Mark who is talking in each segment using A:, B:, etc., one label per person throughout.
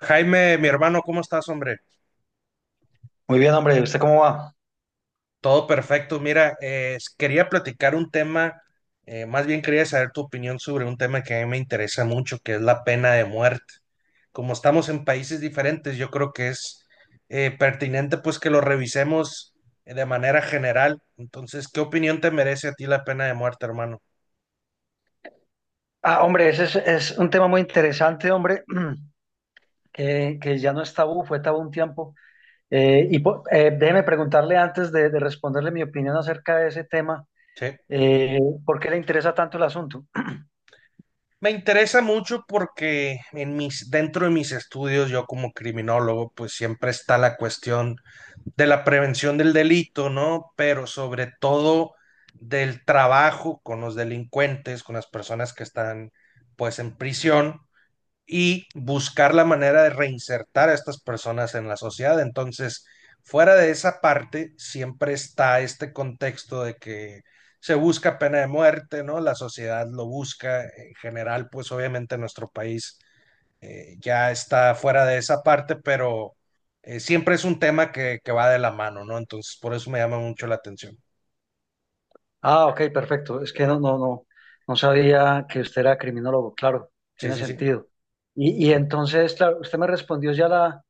A: Jaime, mi hermano, ¿cómo estás, hombre?
B: Muy bien, hombre, ¿usted cómo va?
A: Todo perfecto. Mira, quería platicar un tema, más bien quería saber tu opinión sobre un tema que a mí me interesa mucho, que es la pena de muerte. Como estamos en países diferentes, yo creo que es pertinente pues que lo revisemos de manera general. Entonces, ¿qué opinión te merece a ti la pena de muerte, hermano?
B: Ah, hombre, ese es un tema muy interesante, hombre, que ya no es tabú, fue tabú un tiempo. Déjeme preguntarle antes de responderle mi opinión acerca de ese tema,
A: Sí.
B: eh, ¿por qué le interesa tanto el asunto?
A: Me interesa mucho porque en mis, dentro de mis estudios, yo como criminólogo, pues siempre está la cuestión de la prevención del delito, ¿no? Pero sobre todo del trabajo con los delincuentes, con las personas que están pues en prisión y buscar la manera de reinsertar a estas personas en la sociedad. Entonces, fuera de esa parte, siempre está este contexto de que se busca pena de muerte, ¿no? La sociedad lo busca. En general, pues obviamente nuestro país ya está fuera de esa parte, pero siempre es un tema que va de la mano, ¿no? Entonces, por eso me llama mucho la atención.
B: Ah, ok, perfecto. Es que no, no sabía que usted era criminólogo, claro,
A: Sí,
B: tiene
A: sí, sí.
B: sentido. Y entonces, claro, usted me respondió ya la,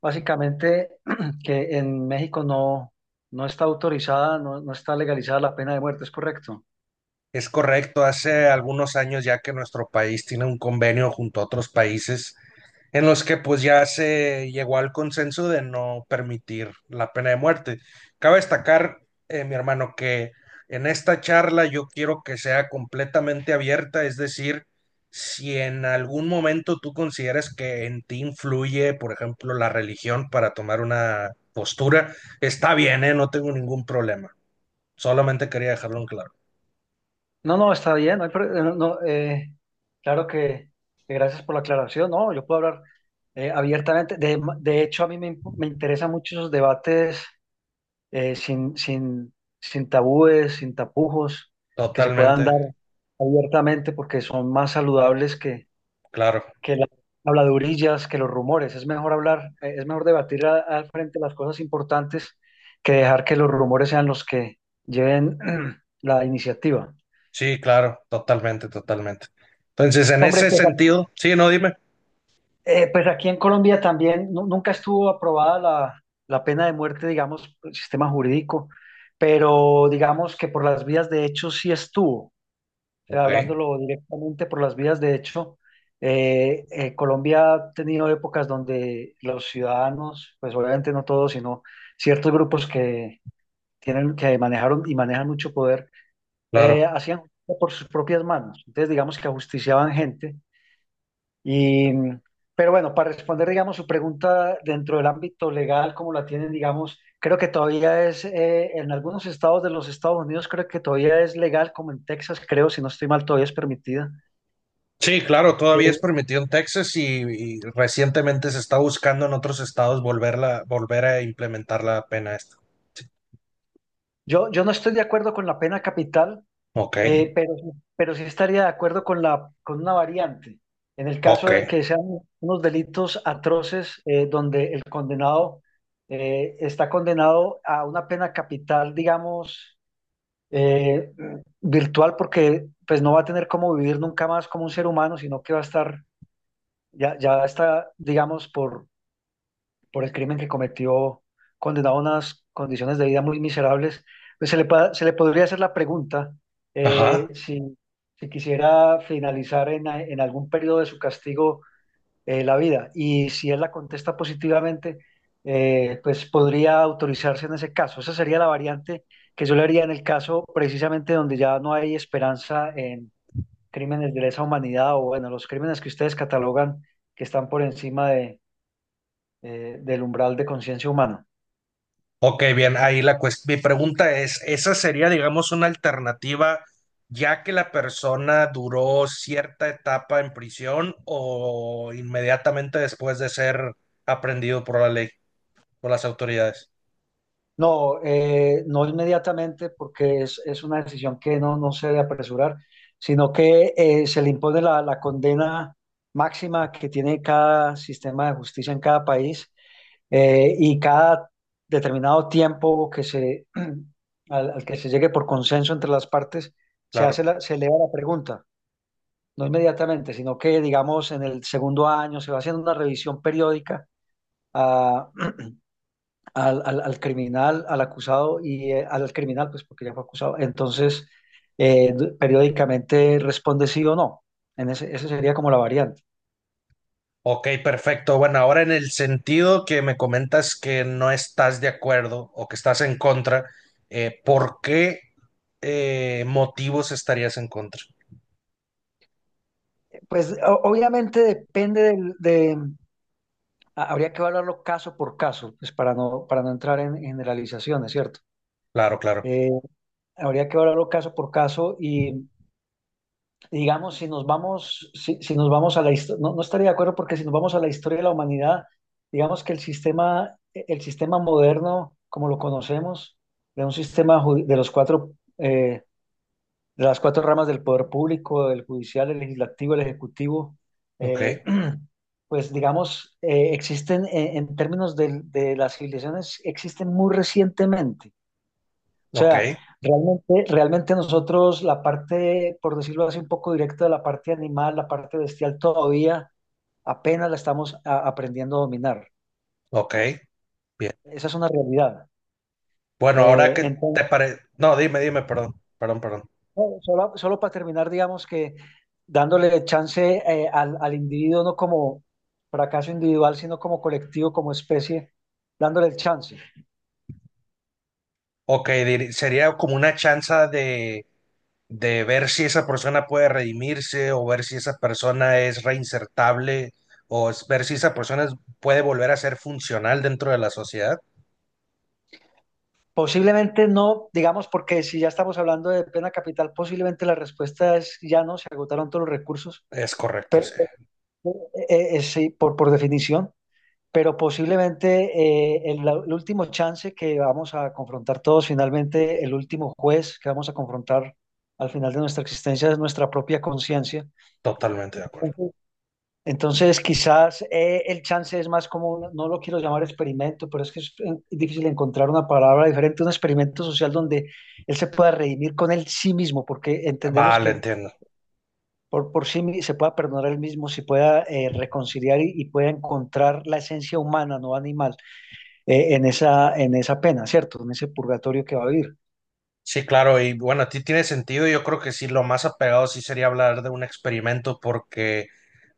B: básicamente que en México no está autorizada, no está legalizada la pena de muerte, ¿es correcto?
A: Es correcto, hace algunos años ya que nuestro país tiene un convenio junto a otros países en los que pues ya se llegó al consenso de no permitir la pena de muerte. Cabe destacar, mi hermano, que en esta charla yo quiero que sea completamente abierta, es decir, si en algún momento tú consideras que en ti influye, por ejemplo, la religión para tomar una postura, está bien, ¿eh? No tengo ningún problema. Solamente quería dejarlo en claro.
B: No, no, está bien. No, hay pro- no, Claro que gracias por la aclaración. No, yo puedo hablar abiertamente. De hecho, a mí me, imp- me interesan mucho esos debates eh, sin, sin, sin tabúes, sin tapujos, que se puedan
A: Totalmente,
B: dar abiertamente porque son más saludables
A: claro.
B: que las habladurillas, que los rumores. Es mejor hablar, es mejor debatir al frente las cosas importantes que dejar que los rumores sean los que lleven la iniciativa.
A: Sí, claro, totalmente, totalmente. Entonces, en
B: Hombre,
A: ese
B: pues
A: sentido, sí, no, dime.
B: Pues aquí en Colombia también nunca estuvo aprobada la pena de muerte, digamos, por el sistema jurídico, pero digamos que por las vías de hecho sí estuvo. O sea,
A: Ok,
B: hablándolo directamente por las vías de hecho, Colombia ha tenido épocas donde los ciudadanos, pues obviamente no todos, sino ciertos grupos que tienen, que manejaron y manejan mucho poder,
A: claro.
B: hacían justicia por sus propias manos. Entonces, digamos que ajusticiaban gente y, pero bueno, para responder, digamos, su pregunta dentro del ámbito legal, como la tienen, digamos, creo que todavía es, en algunos estados de los Estados Unidos, creo que todavía es legal, como en Texas, creo, si no estoy mal, todavía es permitida.
A: Sí, claro, todavía es
B: Eh,
A: permitido en Texas y recientemente se está buscando en otros estados volverla, volver a implementar la pena esta. Sí.
B: yo no estoy de acuerdo con la pena capital,
A: Ok,
B: eh, pero, pero sí estaría de acuerdo con con una variante. En el
A: ok,
B: caso de que sean unos delitos atroces, donde el condenado está condenado a una pena capital, digamos, eh, virtual, porque pues no va a tener cómo vivir nunca más como un ser humano, sino que va a estar, ya está, digamos, por el crimen que cometió, condenado a unas condiciones de vida muy miserables, pues se le podría hacer la pregunta
A: ajá.
B: si, si quisiera finalizar en algún periodo de su castigo la vida. Y si él la contesta positivamente, pues podría autorizarse en ese caso. Esa sería la variante que yo le haría en el caso precisamente donde ya no hay esperanza en crímenes de lesa humanidad, o bueno, los crímenes que ustedes catalogan que están por encima de, del umbral de conciencia humana.
A: Ok, bien, ahí la cuestión. Mi pregunta es, ¿esa sería, digamos, una alternativa ya que la persona duró cierta etapa en prisión o inmediatamente después de ser aprendido por la ley, por las autoridades?
B: No, no inmediatamente, porque es una decisión que no se debe apresurar, sino que se le impone la condena máxima que tiene cada sistema de justicia en cada país, y cada determinado tiempo que se, al que se llegue por consenso entre las partes, se hace
A: Claro.
B: la, se eleva la pregunta, no inmediatamente, sino que digamos en el segundo año se va haciendo una revisión periódica a, al criminal, al acusado, y al criminal, pues porque ya fue acusado. Entonces, periódicamente responde sí o no. Esa sería como la variante.
A: Ok, perfecto. Bueno, ahora en el sentido que me comentas que no estás de acuerdo o que estás en contra, ¿por qué motivos estarías en contra?
B: Pues obviamente depende habría que evaluarlo caso por caso, pues para no entrar en generalizaciones, ¿cierto?
A: Claro, claro.
B: Eh, habría que evaluarlo caso por caso y digamos, si nos vamos, si nos vamos a la historia, no, no estaría de acuerdo porque si nos vamos a la historia de la humanidad, digamos que el sistema moderno, como lo conocemos, de un sistema de los cuatro, eh, de las cuatro ramas del poder público, el judicial, el legislativo, el ejecutivo,
A: Ok,
B: eh, pues digamos, existen en términos de las civilizaciones, existen muy recientemente. O
A: ok,
B: sea, realmente, realmente nosotros la parte, por decirlo así, un poco directa de la parte animal, la parte bestial, todavía apenas la estamos aprendiendo a dominar.
A: ok. Bien.
B: Esa es una realidad.
A: Bueno, ahora que te
B: Entonces,
A: parece... No, dime, dime, perdón, perdón, perdón.
B: bueno, solo, solo para terminar, digamos que dándole chance al individuo, no como fracaso individual, sino como colectivo, como especie, dándole el chance.
A: Ok, diri- sería como una chance de ver si esa persona puede redimirse o ver si esa persona es reinsertable o es- ver si esa persona es- puede volver a ser funcional dentro de la sociedad.
B: Posiblemente no, digamos, porque si ya estamos hablando de pena capital, posiblemente la respuesta es ya no, se agotaron todos los recursos.
A: Es correcto, sí.
B: Pero Eh, sí, por definición, pero posiblemente el último chance que vamos a confrontar todos, finalmente el último juez que vamos a confrontar al final de nuestra existencia es nuestra propia conciencia.
A: Totalmente de acuerdo.
B: Entonces, entonces, quizás el chance es más como, no lo quiero llamar experimento, pero es que es difícil encontrar una palabra diferente, un experimento social donde él se pueda redimir con él sí mismo, porque entendemos
A: Vale,
B: que
A: entiendo.
B: se pueda perdonar a él mismo, se pueda reconciliar y pueda encontrar la esencia humana, no animal, en esa pena, ¿cierto? En ese purgatorio que va a vivir.
A: Sí, claro, y bueno, a ti tiene sentido. Yo creo que sí, lo más apegado sí sería hablar de un experimento, porque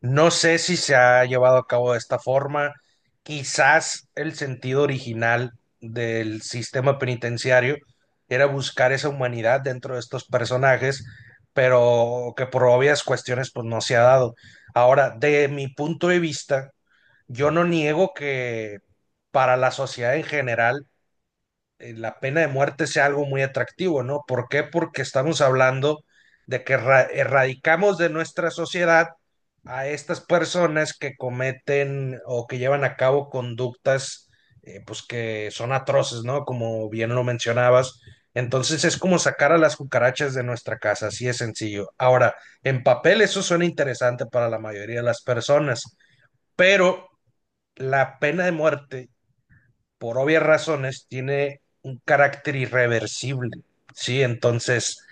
A: no sé si se ha llevado a cabo de esta forma. Quizás el sentido original del sistema penitenciario era buscar esa humanidad dentro de estos personajes, pero que por obvias cuestiones pues no se ha dado. Ahora, de mi punto de vista, yo no niego que para la sociedad en general la pena de muerte sea algo muy atractivo, ¿no? ¿Por qué? Porque estamos hablando de que erra- erradicamos de nuestra sociedad a estas personas que cometen o que llevan a cabo conductas pues que son atroces, ¿no? Como bien lo mencionabas. Entonces es como sacar a las cucarachas de nuestra casa, así es sencillo. Ahora, en papel eso suena interesante para la mayoría de las personas, pero la pena de muerte por obvias razones, tiene un carácter irreversible, ¿sí? Entonces,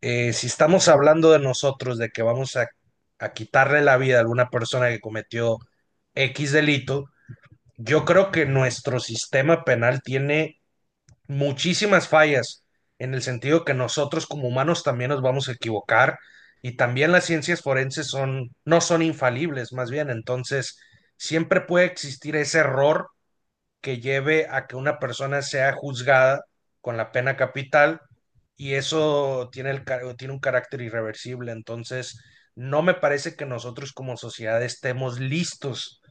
A: si estamos hablando de nosotros, de que vamos a quitarle la vida a alguna persona que cometió X delito, yo creo que nuestro sistema penal tiene muchísimas fallas en el sentido que nosotros como humanos también nos vamos a equivocar y también las ciencias forenses son no son infalibles, más bien, entonces siempre puede existir ese error que lleve a que una persona sea juzgada con la pena capital y eso tiene, el, tiene un carácter irreversible. Entonces, no me parece que nosotros como sociedad estemos listos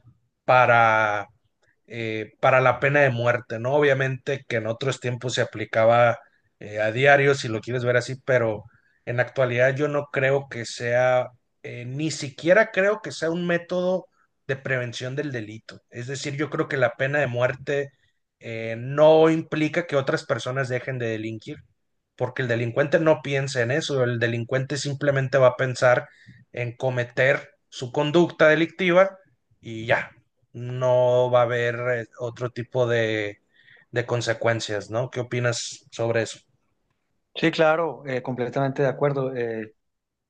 A: para para la pena de muerte, ¿no? Obviamente que en otros tiempos se aplicaba a diario, si lo quieres ver así, pero en la actualidad yo no creo que sea, ni siquiera creo que sea un método de prevención del delito. Es decir, yo creo que la pena de muerte no implica que otras personas dejen de delinquir, porque el delincuente no piensa en eso, el delincuente simplemente va a pensar en cometer su conducta delictiva y ya, no va a haber otro tipo de consecuencias, ¿no? ¿Qué opinas sobre eso?
B: Sí, claro, completamente de acuerdo. eh,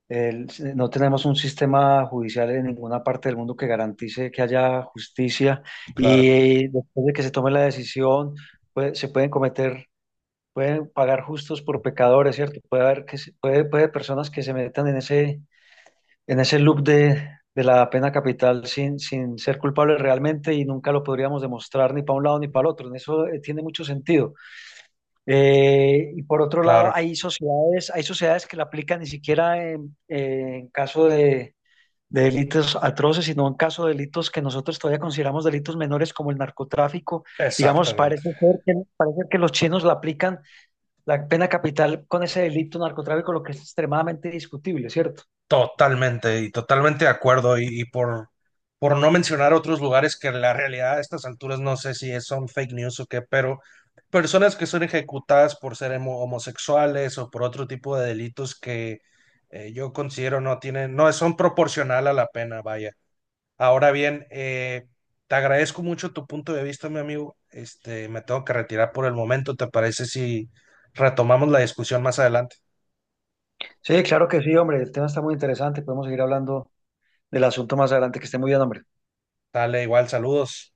B: el- eh, No tenemos un sistema judicial en ninguna parte del mundo que garantice que haya justicia,
A: Claro,
B: y después de que se tome la decisión, pues, se pueden cometer, pueden pagar justos por pecadores, ¿cierto? Puede personas que se metan en ese, en ese loop de la pena capital sin, sin ser culpable realmente, y nunca lo podríamos demostrar ni para un lado ni para el otro. En eso tiene mucho sentido. Y por otro lado,
A: claro,
B: hay sociedades que la aplican ni siquiera en caso de delitos atroces, sino en caso de delitos que nosotros todavía consideramos delitos menores como el narcotráfico. Digamos,
A: exactamente.
B: parece ser que, parece que los chinos la aplican la pena capital con ese delito narcotráfico, lo que es extremadamente discutible, ¿cierto?
A: Totalmente y totalmente de acuerdo. Y por no mencionar otros lugares que en la realidad a estas alturas no sé si es- son fake news o qué, pero personas que son ejecutadas por ser homo- homosexuales o por otro tipo de delitos que yo considero no tienen, no son proporcional a la pena, vaya. Ahora bien, te agradezco mucho tu punto de vista, mi amigo. Este, me tengo que retirar por el momento. ¿Te parece si retomamos la discusión más adelante?
B: Sí, claro que sí, hombre. El tema está muy interesante. Podemos seguir hablando del asunto más adelante. Que esté muy bien, hombre.
A: Dale, igual, saludos.